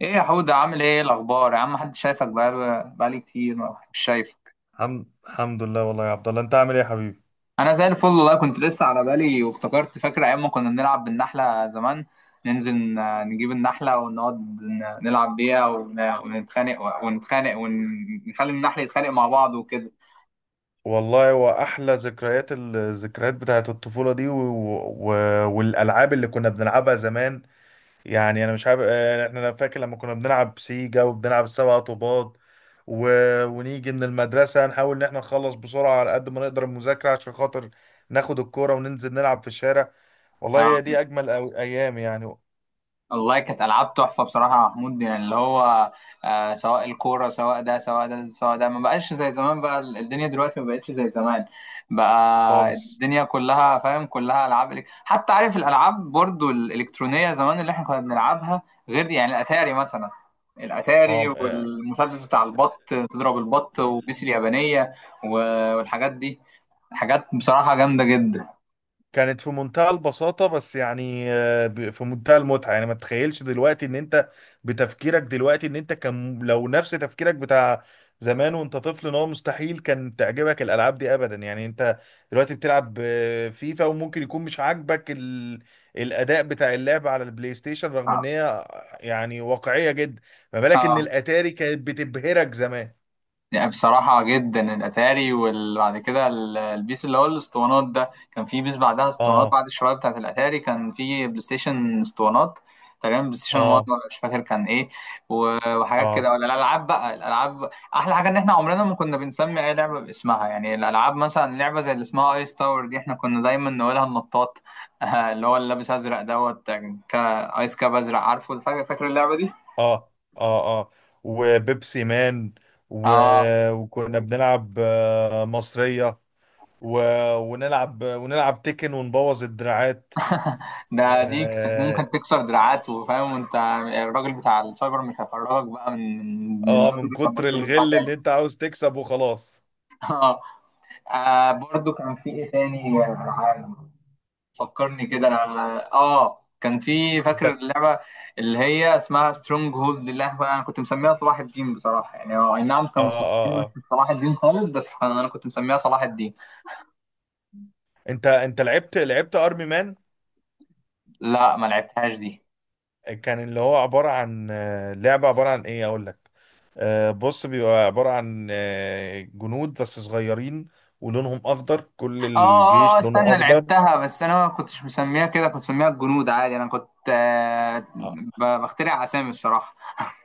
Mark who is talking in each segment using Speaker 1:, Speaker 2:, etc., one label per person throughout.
Speaker 1: ايه يا حودة، عامل ايه؟ إيه الاخبار يا عم؟ محدش شايفك بقالي كتير مش شايف.
Speaker 2: الحمد لله والله يا عبد الله، انت عامل ايه يا حبيبي؟
Speaker 1: انا زي الفل والله. كنت لسه على بالي وافتكرت، فاكر ايام ما كنا بنلعب بالنحله زمان؟ ننزل، نجيب النحله ونقعد، نلعب بيها ونتخانق، ونخلي النحل يتخانق مع بعض وكده.
Speaker 2: والله هو احلى ذكريات، بتاعت الطفوله دي و... والالعاب اللي كنا بنلعبها زمان. يعني انا مش عارف، انا فاكر لما كنا بنلعب سيجا وبنلعب سبع طوبات و... ونيجي من المدرسه نحاول ان احنا نخلص بسرعه على قد ما نقدر المذاكره عشان خاطر ناخد الكوره وننزل نلعب في الشارع. والله هي دي اجمل ايام يعني.
Speaker 1: والله كانت العاب تحفه بصراحه يا محمود، يعني اللي هو سواء الكوره سواء ده سواء ده سواء ده، ما بقاش زي زمان. بقى الدنيا دلوقتي ما بقتش زي زمان. بقى
Speaker 2: خالص.
Speaker 1: الدنيا كلها، فاهم، كلها العاب. حتى عارف الالعاب برضو الالكترونيه زمان اللي احنا كنا بنلعبها؟ غير دي يعني، الاتاري مثلا. الاتاري،
Speaker 2: اه،
Speaker 1: والمسدس بتاع البط تضرب البط، وبيس اليابانيه، والحاجات دي. حاجات بصراحه جامده جدا.
Speaker 2: كانت في منتهى البساطة، بس يعني في منتهى المتعة. يعني ما تتخيلش دلوقتي ان انت بتفكيرك دلوقتي ان انت كان لو نفس تفكيرك بتاع زمان وانت طفل، ان هو مستحيل كان تعجبك الالعاب دي ابدا. يعني انت دلوقتي بتلعب فيفا وممكن يكون مش عاجبك الاداء بتاع اللعب على البلاي ستيشن، رغم
Speaker 1: اه.
Speaker 2: ان هي يعني واقعية جدا. ما بالك ان
Speaker 1: آه.
Speaker 2: الاتاري كانت بتبهرك زمان؟
Speaker 1: يعني بصراحة جدا الأتاري، وبعد كده البيس اللي هو الاسطوانات ده، كان في بيس بعدها اسطوانات،
Speaker 2: اه
Speaker 1: بعد الشرايط بتاعت الأتاري كان في بلاي ستيشن اسطوانات، تقريبا بلاي ستيشن 1،
Speaker 2: اه
Speaker 1: ولا مش فاكر كان ايه وحاجات
Speaker 2: اه
Speaker 1: كده. ولا الألعاب، بقى الألعاب، أحلى حاجة إن احنا عمرنا ما كنا بنسمي أي لعبة باسمها. يعني الألعاب، مثلا لعبة زي اللي اسمها ايس تاور دي، احنا كنا دايما نقولها النطاط. اللي هو، اللي لابس أزرق دوت، ايس كاب أزرق. عارفه؟ فاكر اللعبة دي؟
Speaker 2: اه. وبيبسي مان و...
Speaker 1: اه.
Speaker 2: وكنا بنلعب مصرية و... ونلعب تيكن ونبوظ الدراعات.
Speaker 1: ده دي كانت ممكن
Speaker 2: اه،
Speaker 1: تكسر دراعات، وفاهم انت الراجل بتاع السايبر مش هيخرجك بقى من من
Speaker 2: آه، من
Speaker 1: دبل لما
Speaker 2: كتر
Speaker 1: تقول له بتاع
Speaker 2: الغل
Speaker 1: تاني.
Speaker 2: اللي انت عاوز تكسب وخلاص.
Speaker 1: اه. برضو كان في ايه تاني؟ فكرني كده انا. اه كان في، فاكر
Speaker 2: انت.
Speaker 1: اللعبه اللي هي اسمها سترونج هولد، اللي انا كنت مسميها صلاح الدين بصراحه؟ يعني هو، اي نعم،
Speaker 2: اه
Speaker 1: كانوا مستضيفين
Speaker 2: اه
Speaker 1: مش
Speaker 2: اه
Speaker 1: صلاح الدين خالص، بس انا كنت مسميها صلاح الدين.
Speaker 2: انت لعبت ارمي مان؟
Speaker 1: لا، ما لعبتهاش دي.
Speaker 2: كان اللي هو عبارة عن لعبة عبارة عن ايه اقول لك. بص، بيبقى عبارة عن جنود بس صغيرين ولونهم اخضر، كل
Speaker 1: اه، اه،
Speaker 2: الجيش لونه
Speaker 1: استنى،
Speaker 2: اخضر.
Speaker 1: لعبتها، بس انا ما كنتش مسميها كده، كنت مسميها الجنود عادي. انا كنت بخترع اسامي الصراحه.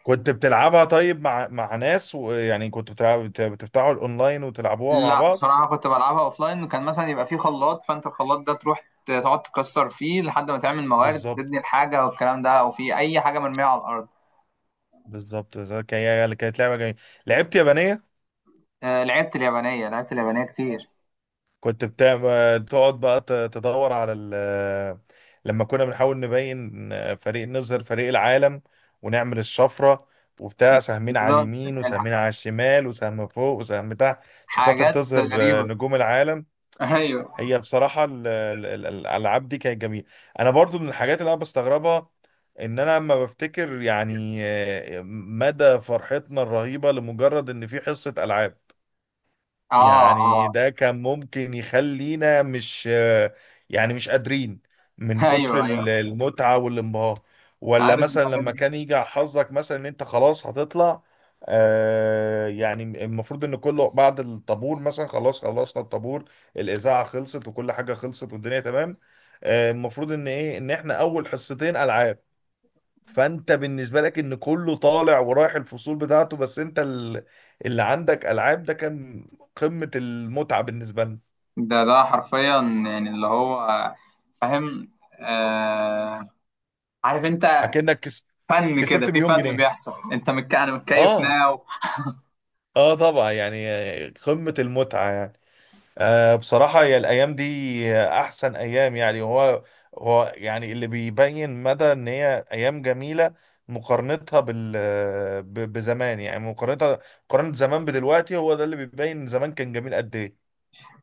Speaker 2: كنت بتلعبها طيب مع ناس؟ ويعني كنت بتلعب بتفتحوا الاونلاين وتلعبوها مع
Speaker 1: لا
Speaker 2: بعض؟
Speaker 1: بصراحه كنت بلعبها اوفلاين، وكان مثلا يبقى فيه خلاط، فانت الخلاط ده تروح تقعد تكسر فيه لحد ما تعمل موارد، تبني
Speaker 2: بالظبط.
Speaker 1: الحاجه والكلام ده، او في اي حاجه مرميه على الارض.
Speaker 2: بالظبط. هي اللي كانت لعبه جميله. لعبت يابانيه.
Speaker 1: لعبت اليابانيه، كتير.
Speaker 2: تقعد بقى تدور على لما كنا بنحاول نبين فريق، نظهر فريق العالم، ونعمل الشفره وبتاع: سهمين على
Speaker 1: بالظبط.
Speaker 2: اليمين وسهمين
Speaker 1: الح-
Speaker 2: على الشمال وسهم فوق وسهم تحت، عشان خاطر
Speaker 1: حاجات
Speaker 2: تظهر
Speaker 1: غريبه.
Speaker 2: نجوم العالم.
Speaker 1: ايوه.
Speaker 2: هي بصراحة الألعاب دي كانت جميلة. أنا برضو من الحاجات اللي أنا بستغربها إن أنا لما بفتكر يعني مدى فرحتنا الرهيبة لمجرد إن في حصة ألعاب.
Speaker 1: اه،
Speaker 2: يعني
Speaker 1: اه.
Speaker 2: ده كان ممكن يخلينا مش، يعني مش قادرين من كتر
Speaker 1: ايوه، ايوه،
Speaker 2: المتعة والانبهار. ولا
Speaker 1: عارف
Speaker 2: مثلا
Speaker 1: الحاجات
Speaker 2: لما
Speaker 1: دي.
Speaker 2: كان يجي على حظك مثلا ان انت خلاص هتطلع. آه يعني المفروض ان كله بعد الطابور مثلا، خلاص خلصنا الطابور، الاذاعه خلصت وكل حاجه خلصت والدنيا تمام، آه المفروض ان ايه، ان احنا اول حصتين العاب. فانت بالنسبه لك ان كله طالع ورايح الفصول بتاعته، بس انت اللي عندك العاب، ده كان قمه المتعه بالنسبه لنا.
Speaker 1: ده حرفيا يعني، اللي هو فاهم. آه عارف انت،
Speaker 2: اكنك كس-
Speaker 1: فن كده،
Speaker 2: كسبت
Speaker 1: في
Speaker 2: مليون
Speaker 1: فن
Speaker 2: جنيه.
Speaker 1: بيحصل. انت انا متكيف
Speaker 2: اه.
Speaker 1: ناو.
Speaker 2: اه طبعا يعني. قمه المتعه يعني. آه بصراحه هي الايام دي احسن ايام يعني. هو يعني اللي بيبين مدى ان هي ايام جميله مقارنتها بزمان. يعني مقارنه زمان بدلوقتي، هو ده اللي بيبين زمان كان جميل قد ايه.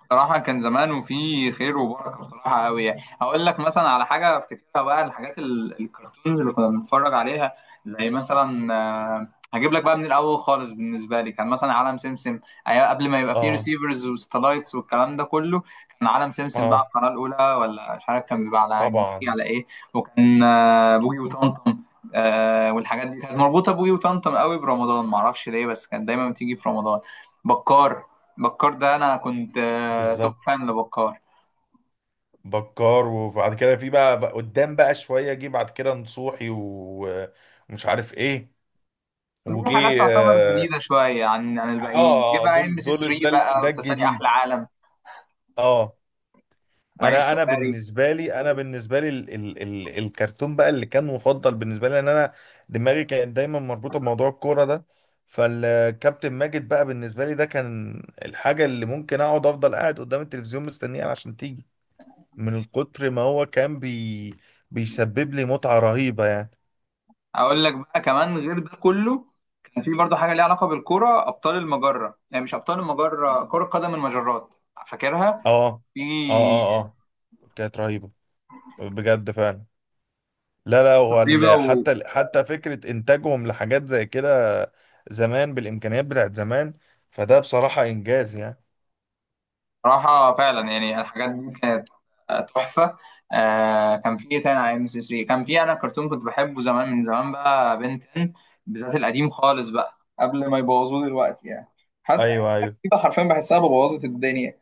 Speaker 1: بصراحة كان زمان وفي خير وبركة بصراحة قوي. يعني هقول لك مثلا على حاجة افتكرها بقى، الحاجات الكرتونز اللي كنا بنتفرج عليها، زي مثلا، هجيب لك بقى من الأول خالص، بالنسبة لي كان مثلا عالم سمسم. أيام قبل ما يبقى فيه
Speaker 2: اه.
Speaker 1: ريسيفرز وستلايتس والكلام ده كله، كان عالم سمسم بقى
Speaker 2: اه
Speaker 1: القناة الأولى، ولا مش عارف كان بيبقى على جي
Speaker 2: طبعا.
Speaker 1: على إيه. وكان بوجي وطمطم. والحاجات دي كانت مربوطة بوجي وطمطم قوي برمضان، معرفش ليه، بس كانت دايما بتيجي في رمضان. بكار. بكار ده انا كنت توب
Speaker 2: بالظبط.
Speaker 1: فان لبكار.
Speaker 2: بكار. وبعد كده في بقى، بقى قدام بقى شويه، جه بعد كده نصوحي ومش عارف ايه،
Speaker 1: له
Speaker 2: وجه.
Speaker 1: حاجات تعتبر
Speaker 2: اه.
Speaker 1: جديده شويه عن الباقيين. جه بقى
Speaker 2: دول
Speaker 1: ام سي
Speaker 2: دول
Speaker 1: 3 بقى،
Speaker 2: ده
Speaker 1: وتسالي
Speaker 2: الجديد.
Speaker 1: احلى عالم،
Speaker 2: اه.
Speaker 1: وعيش
Speaker 2: انا،
Speaker 1: سفاري.
Speaker 2: بالنسبه لي ال ال ال الكرتون بقى اللي كان مفضل بالنسبه لي، ان انا دماغي كانت دايما مربوطه بموضوع الكوره ده. فالكابتن ماجد بقى بالنسبه لي ده كان الحاجه اللي ممكن اقعد افضل قاعد قدام التلفزيون مستنيها عشان تيجي، من كتر ما هو كان بيسبب لي متعة رهيبة يعني.
Speaker 1: اقول لك بقى كمان، غير ده كله كان في برضه حاجه ليها علاقه بالكوره، ابطال المجره. يعني مش ابطال المجره، كره قدم المجرات. فاكرها؟
Speaker 2: اه
Speaker 1: في
Speaker 2: اه. كانت رهيبة بجد فعلا. لا لا، هو
Speaker 1: تريبه.
Speaker 2: حتى حتى فكرة إنتاجهم لحاجات زي كده زمان بالإمكانيات بتاعت زمان، فده بصراحة إنجاز يعني.
Speaker 1: صراحة فعلا يعني الحاجات دي كانت تحفة. كان في إيه تاني على ام سي 3؟ كان في انا كرتون كنت بحبه زمان من زمان بقى، بنتن. بالذات القديم خالص بقى، قبل ما يبوظوه دلوقتي يعني. حتى أي
Speaker 2: أيوه
Speaker 1: حاجة
Speaker 2: أيوه.
Speaker 1: جديدة حرفيا بحسها بوظت الدنيا.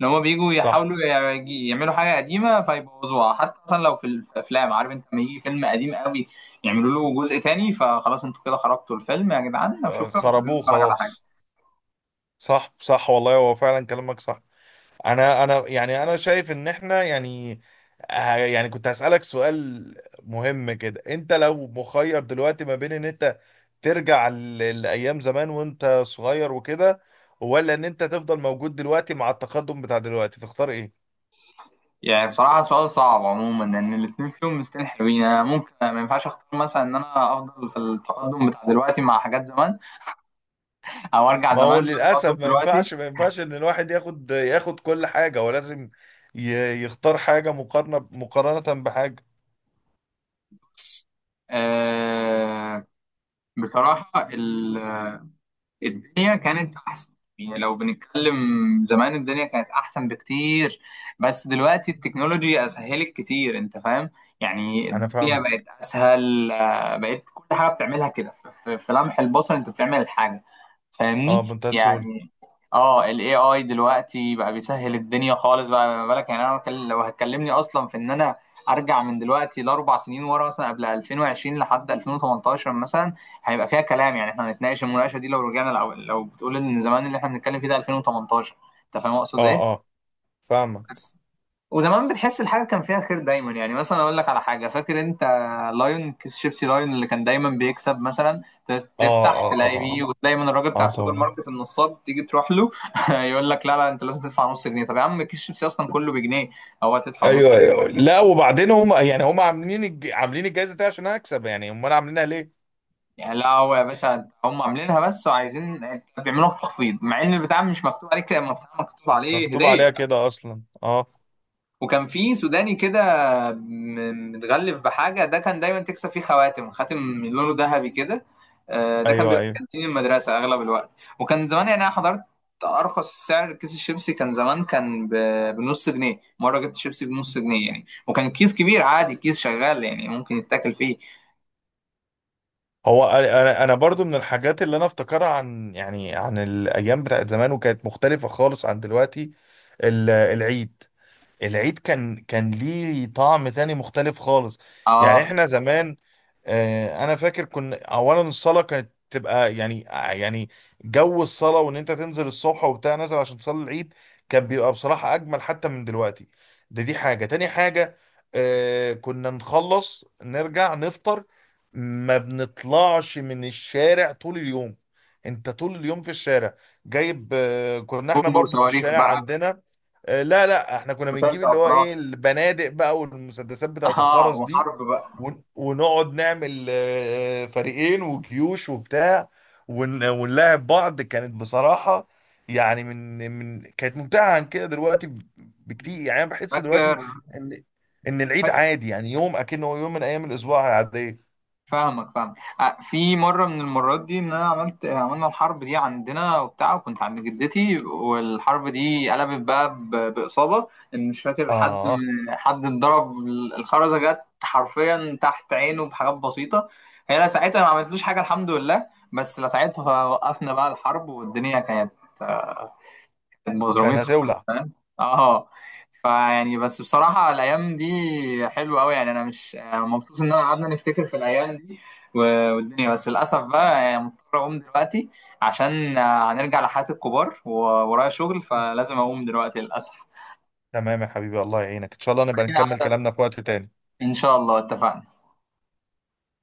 Speaker 1: لو هما بيجوا
Speaker 2: صح.
Speaker 1: يحاولوا يعملوا حاجة قديمة فيبوظوها. حتى مثلا لو في الأفلام، عارف أنت، لما يجي فيلم قديم قوي يعملوا له جزء تاني، فخلاص، أنتوا كده خرجتوا الفيلم يا جدعان،
Speaker 2: آه،
Speaker 1: وشكرا، مش عايزين
Speaker 2: خربوه
Speaker 1: نتفرج على حاجة.
Speaker 2: خلاص. صح صح. والله هو فعلا كلامك صح. انا، شايف ان احنا يعني، يعني كنت هسألك سؤال مهم كده: انت لو مخير دلوقتي ما بين ان انت ترجع لأيام زمان وانت صغير وكده، ولا ان انت تفضل موجود دلوقتي مع التقدم بتاع دلوقتي، تختار ايه؟
Speaker 1: يعني بصراحة سؤال صعب عموما، لأن الاتنين فيهم مستين حلوين. أنا ممكن ما ينفعش أختار مثلا إن أنا أفضل في التقدم بتاع دلوقتي مع حاجات زمان، أو أرجع
Speaker 2: ما هو
Speaker 1: زمان بتقدم
Speaker 2: للأسف ما
Speaker 1: دلوقتي.
Speaker 2: ينفعش، ان الواحد ياخد، كل حاجة. هو لازم يختار حاجة مقارنة بحاجة.
Speaker 1: أه بصراحة الدنيا كانت أحسن. يعني لو بنتكلم، زمان الدنيا كانت أحسن بكتير. بس دلوقتي التكنولوجيا أسهلت كتير، أنت فاهم. يعني
Speaker 2: انا
Speaker 1: الدنيا بقت
Speaker 2: فاهمك.
Speaker 1: أسهل، بقت كل حاجة بتعملها كده في لمح البصر، أنت بتعمل الحاجة.
Speaker 2: اه،
Speaker 1: فاهمني
Speaker 2: بمنتهى السهولة.
Speaker 1: يعني. اه ال AI دلوقتي بقى بيسهل الدنيا خالص بقى. ما بالك يعني، انا لو هتكلمني اصلا في ان انا ارجع من دلوقتي ل4 سنين ورا، مثلا قبل 2020 لحد 2018 مثلا، هيبقى فيها كلام. يعني احنا هنتناقش المناقشه دي لو رجعنا، لو بتقول ان زمان اللي احنا بنتكلم فيه ده 2018؟ انت فاهم اقصد ايه؟
Speaker 2: اه اه فاهمك.
Speaker 1: بس. وزمان بتحس الحاجه كان فيها خير دايما، يعني مثلا اقول لك على حاجه، فاكر انت لايون، كيس شيبسي لايون اللي كان دايما بيكسب مثلا؟
Speaker 2: اه،
Speaker 1: تفتح
Speaker 2: اه
Speaker 1: تلاقي بيه،
Speaker 2: طبعا.
Speaker 1: وتلاقي من الراجل بتاع
Speaker 2: اه
Speaker 1: السوبر
Speaker 2: طبعا.
Speaker 1: ماركت النصاب، تيجي تروح له يقول لك لا، لا، انت لازم تدفع نص جنيه. طب يا عم كيس شيبسي اصلا كله بجنيه، هو هتدفع نص
Speaker 2: ايوه
Speaker 1: جنيه؟
Speaker 2: أيوة. لا وبعدين هم يعني هم عاملين عاملين الجائزه دي عشان اكسب يعني، امال عاملينها ليه؟
Speaker 1: يعني لا، هو يا باشا هم عاملينها بس، وعايزين بيعملوا لك تخفيض، مع ان البتاع مش مكتوب عليك، مكتوب
Speaker 2: مش
Speaker 1: عليه
Speaker 2: مكتوب
Speaker 1: هديه.
Speaker 2: عليها كده اصلا، اه.
Speaker 1: وكان في سوداني كده، متغلف بحاجة، ده كان دايما تكسب فيه خواتم، خاتم من لونه ذهبي كده. ده كان
Speaker 2: ايوه
Speaker 1: بيبقى في
Speaker 2: ايوه.
Speaker 1: كانتين المدرسة أغلب الوقت. وكان زمان، يعني أنا حضرت أرخص سعر كيس الشيبسي كان زمان، كان بنص جنيه. مرة جبت شيبسي بنص جنيه يعني، وكان كيس كبير عادي، كيس شغال يعني ممكن يتاكل فيه.
Speaker 2: هو انا، انا أنا برضو من الحاجات اللي انا افتكرها عن يعني عن الايام بتاعت زمان وكانت مختلفه خالص عن دلوقتي: العيد. كان ليه طعم تاني مختلف خالص. يعني
Speaker 1: اه،
Speaker 2: احنا زمان، انا فاكر كنا اولا الصلاه كانت تبقى يعني يعني جو الصلاه، وان انت تنزل الصبح وبتاع نازل عشان تصلي العيد، كان بيبقى بصراحه اجمل حتى من دلوقتي. دي حاجه، تاني حاجه كنا نخلص نرجع نفطر، ما بنطلعش من الشارع طول اليوم. انت طول اليوم في الشارع جايب، كنا احنا
Speaker 1: بومب
Speaker 2: برضو في
Speaker 1: وصواريخ
Speaker 2: الشارع
Speaker 1: بقى.
Speaker 2: عندنا لا لا، احنا كنا بنجيب
Speaker 1: وترجع
Speaker 2: اللي هو ايه،
Speaker 1: أفراح.
Speaker 2: البنادق بقى والمسدسات بتاعت
Speaker 1: اه،
Speaker 2: الخرز دي،
Speaker 1: وحرب بقى.
Speaker 2: ونقعد نعمل فريقين وجيوش وبتاع، ونلاعب بعض. كانت بصراحة يعني من كانت ممتعة عن كده دلوقتي بكتير. يعني انا بحس دلوقتي
Speaker 1: فاكر.
Speaker 2: ان العيد عادي، يعني يوم اكنه يوم من ايام الاسبوع العادية.
Speaker 1: فاهمك، فاهم. في مره من المرات دي ان انا عملنا الحرب دي عندنا وبتاع، وكنت عند جدتي، والحرب دي قلبت بقى باصابه. ان مش فاكر حد،
Speaker 2: اه.
Speaker 1: حد اتضرب. الخرزه جت حرفيا تحت عينه بحاجات بسيطه. هي لا ساعتها ما عملتلوش حاجه، الحمد لله، بس لا ساعتها وقفنا بقى الحرب، والدنيا كانت
Speaker 2: كانت
Speaker 1: مضرومين خالص،
Speaker 2: هتولع.
Speaker 1: فاهم. اه. فيعني، بس بصراحة الأيام دي حلوة أوي يعني. أنا مش، أنا مبسوط إن أنا قعدنا نفتكر في الأيام دي والدنيا. بس للأسف بقى يعني مضطر أقوم دلوقتي، عشان هنرجع لحياة الكبار، وورايا شغل، فلازم أقوم دلوقتي للأسف.
Speaker 2: تمام يا حبيبي، الله يعينك، ان شاء الله نبقى نكمل كلامنا في وقت تاني.
Speaker 1: إن شاء الله، اتفقنا.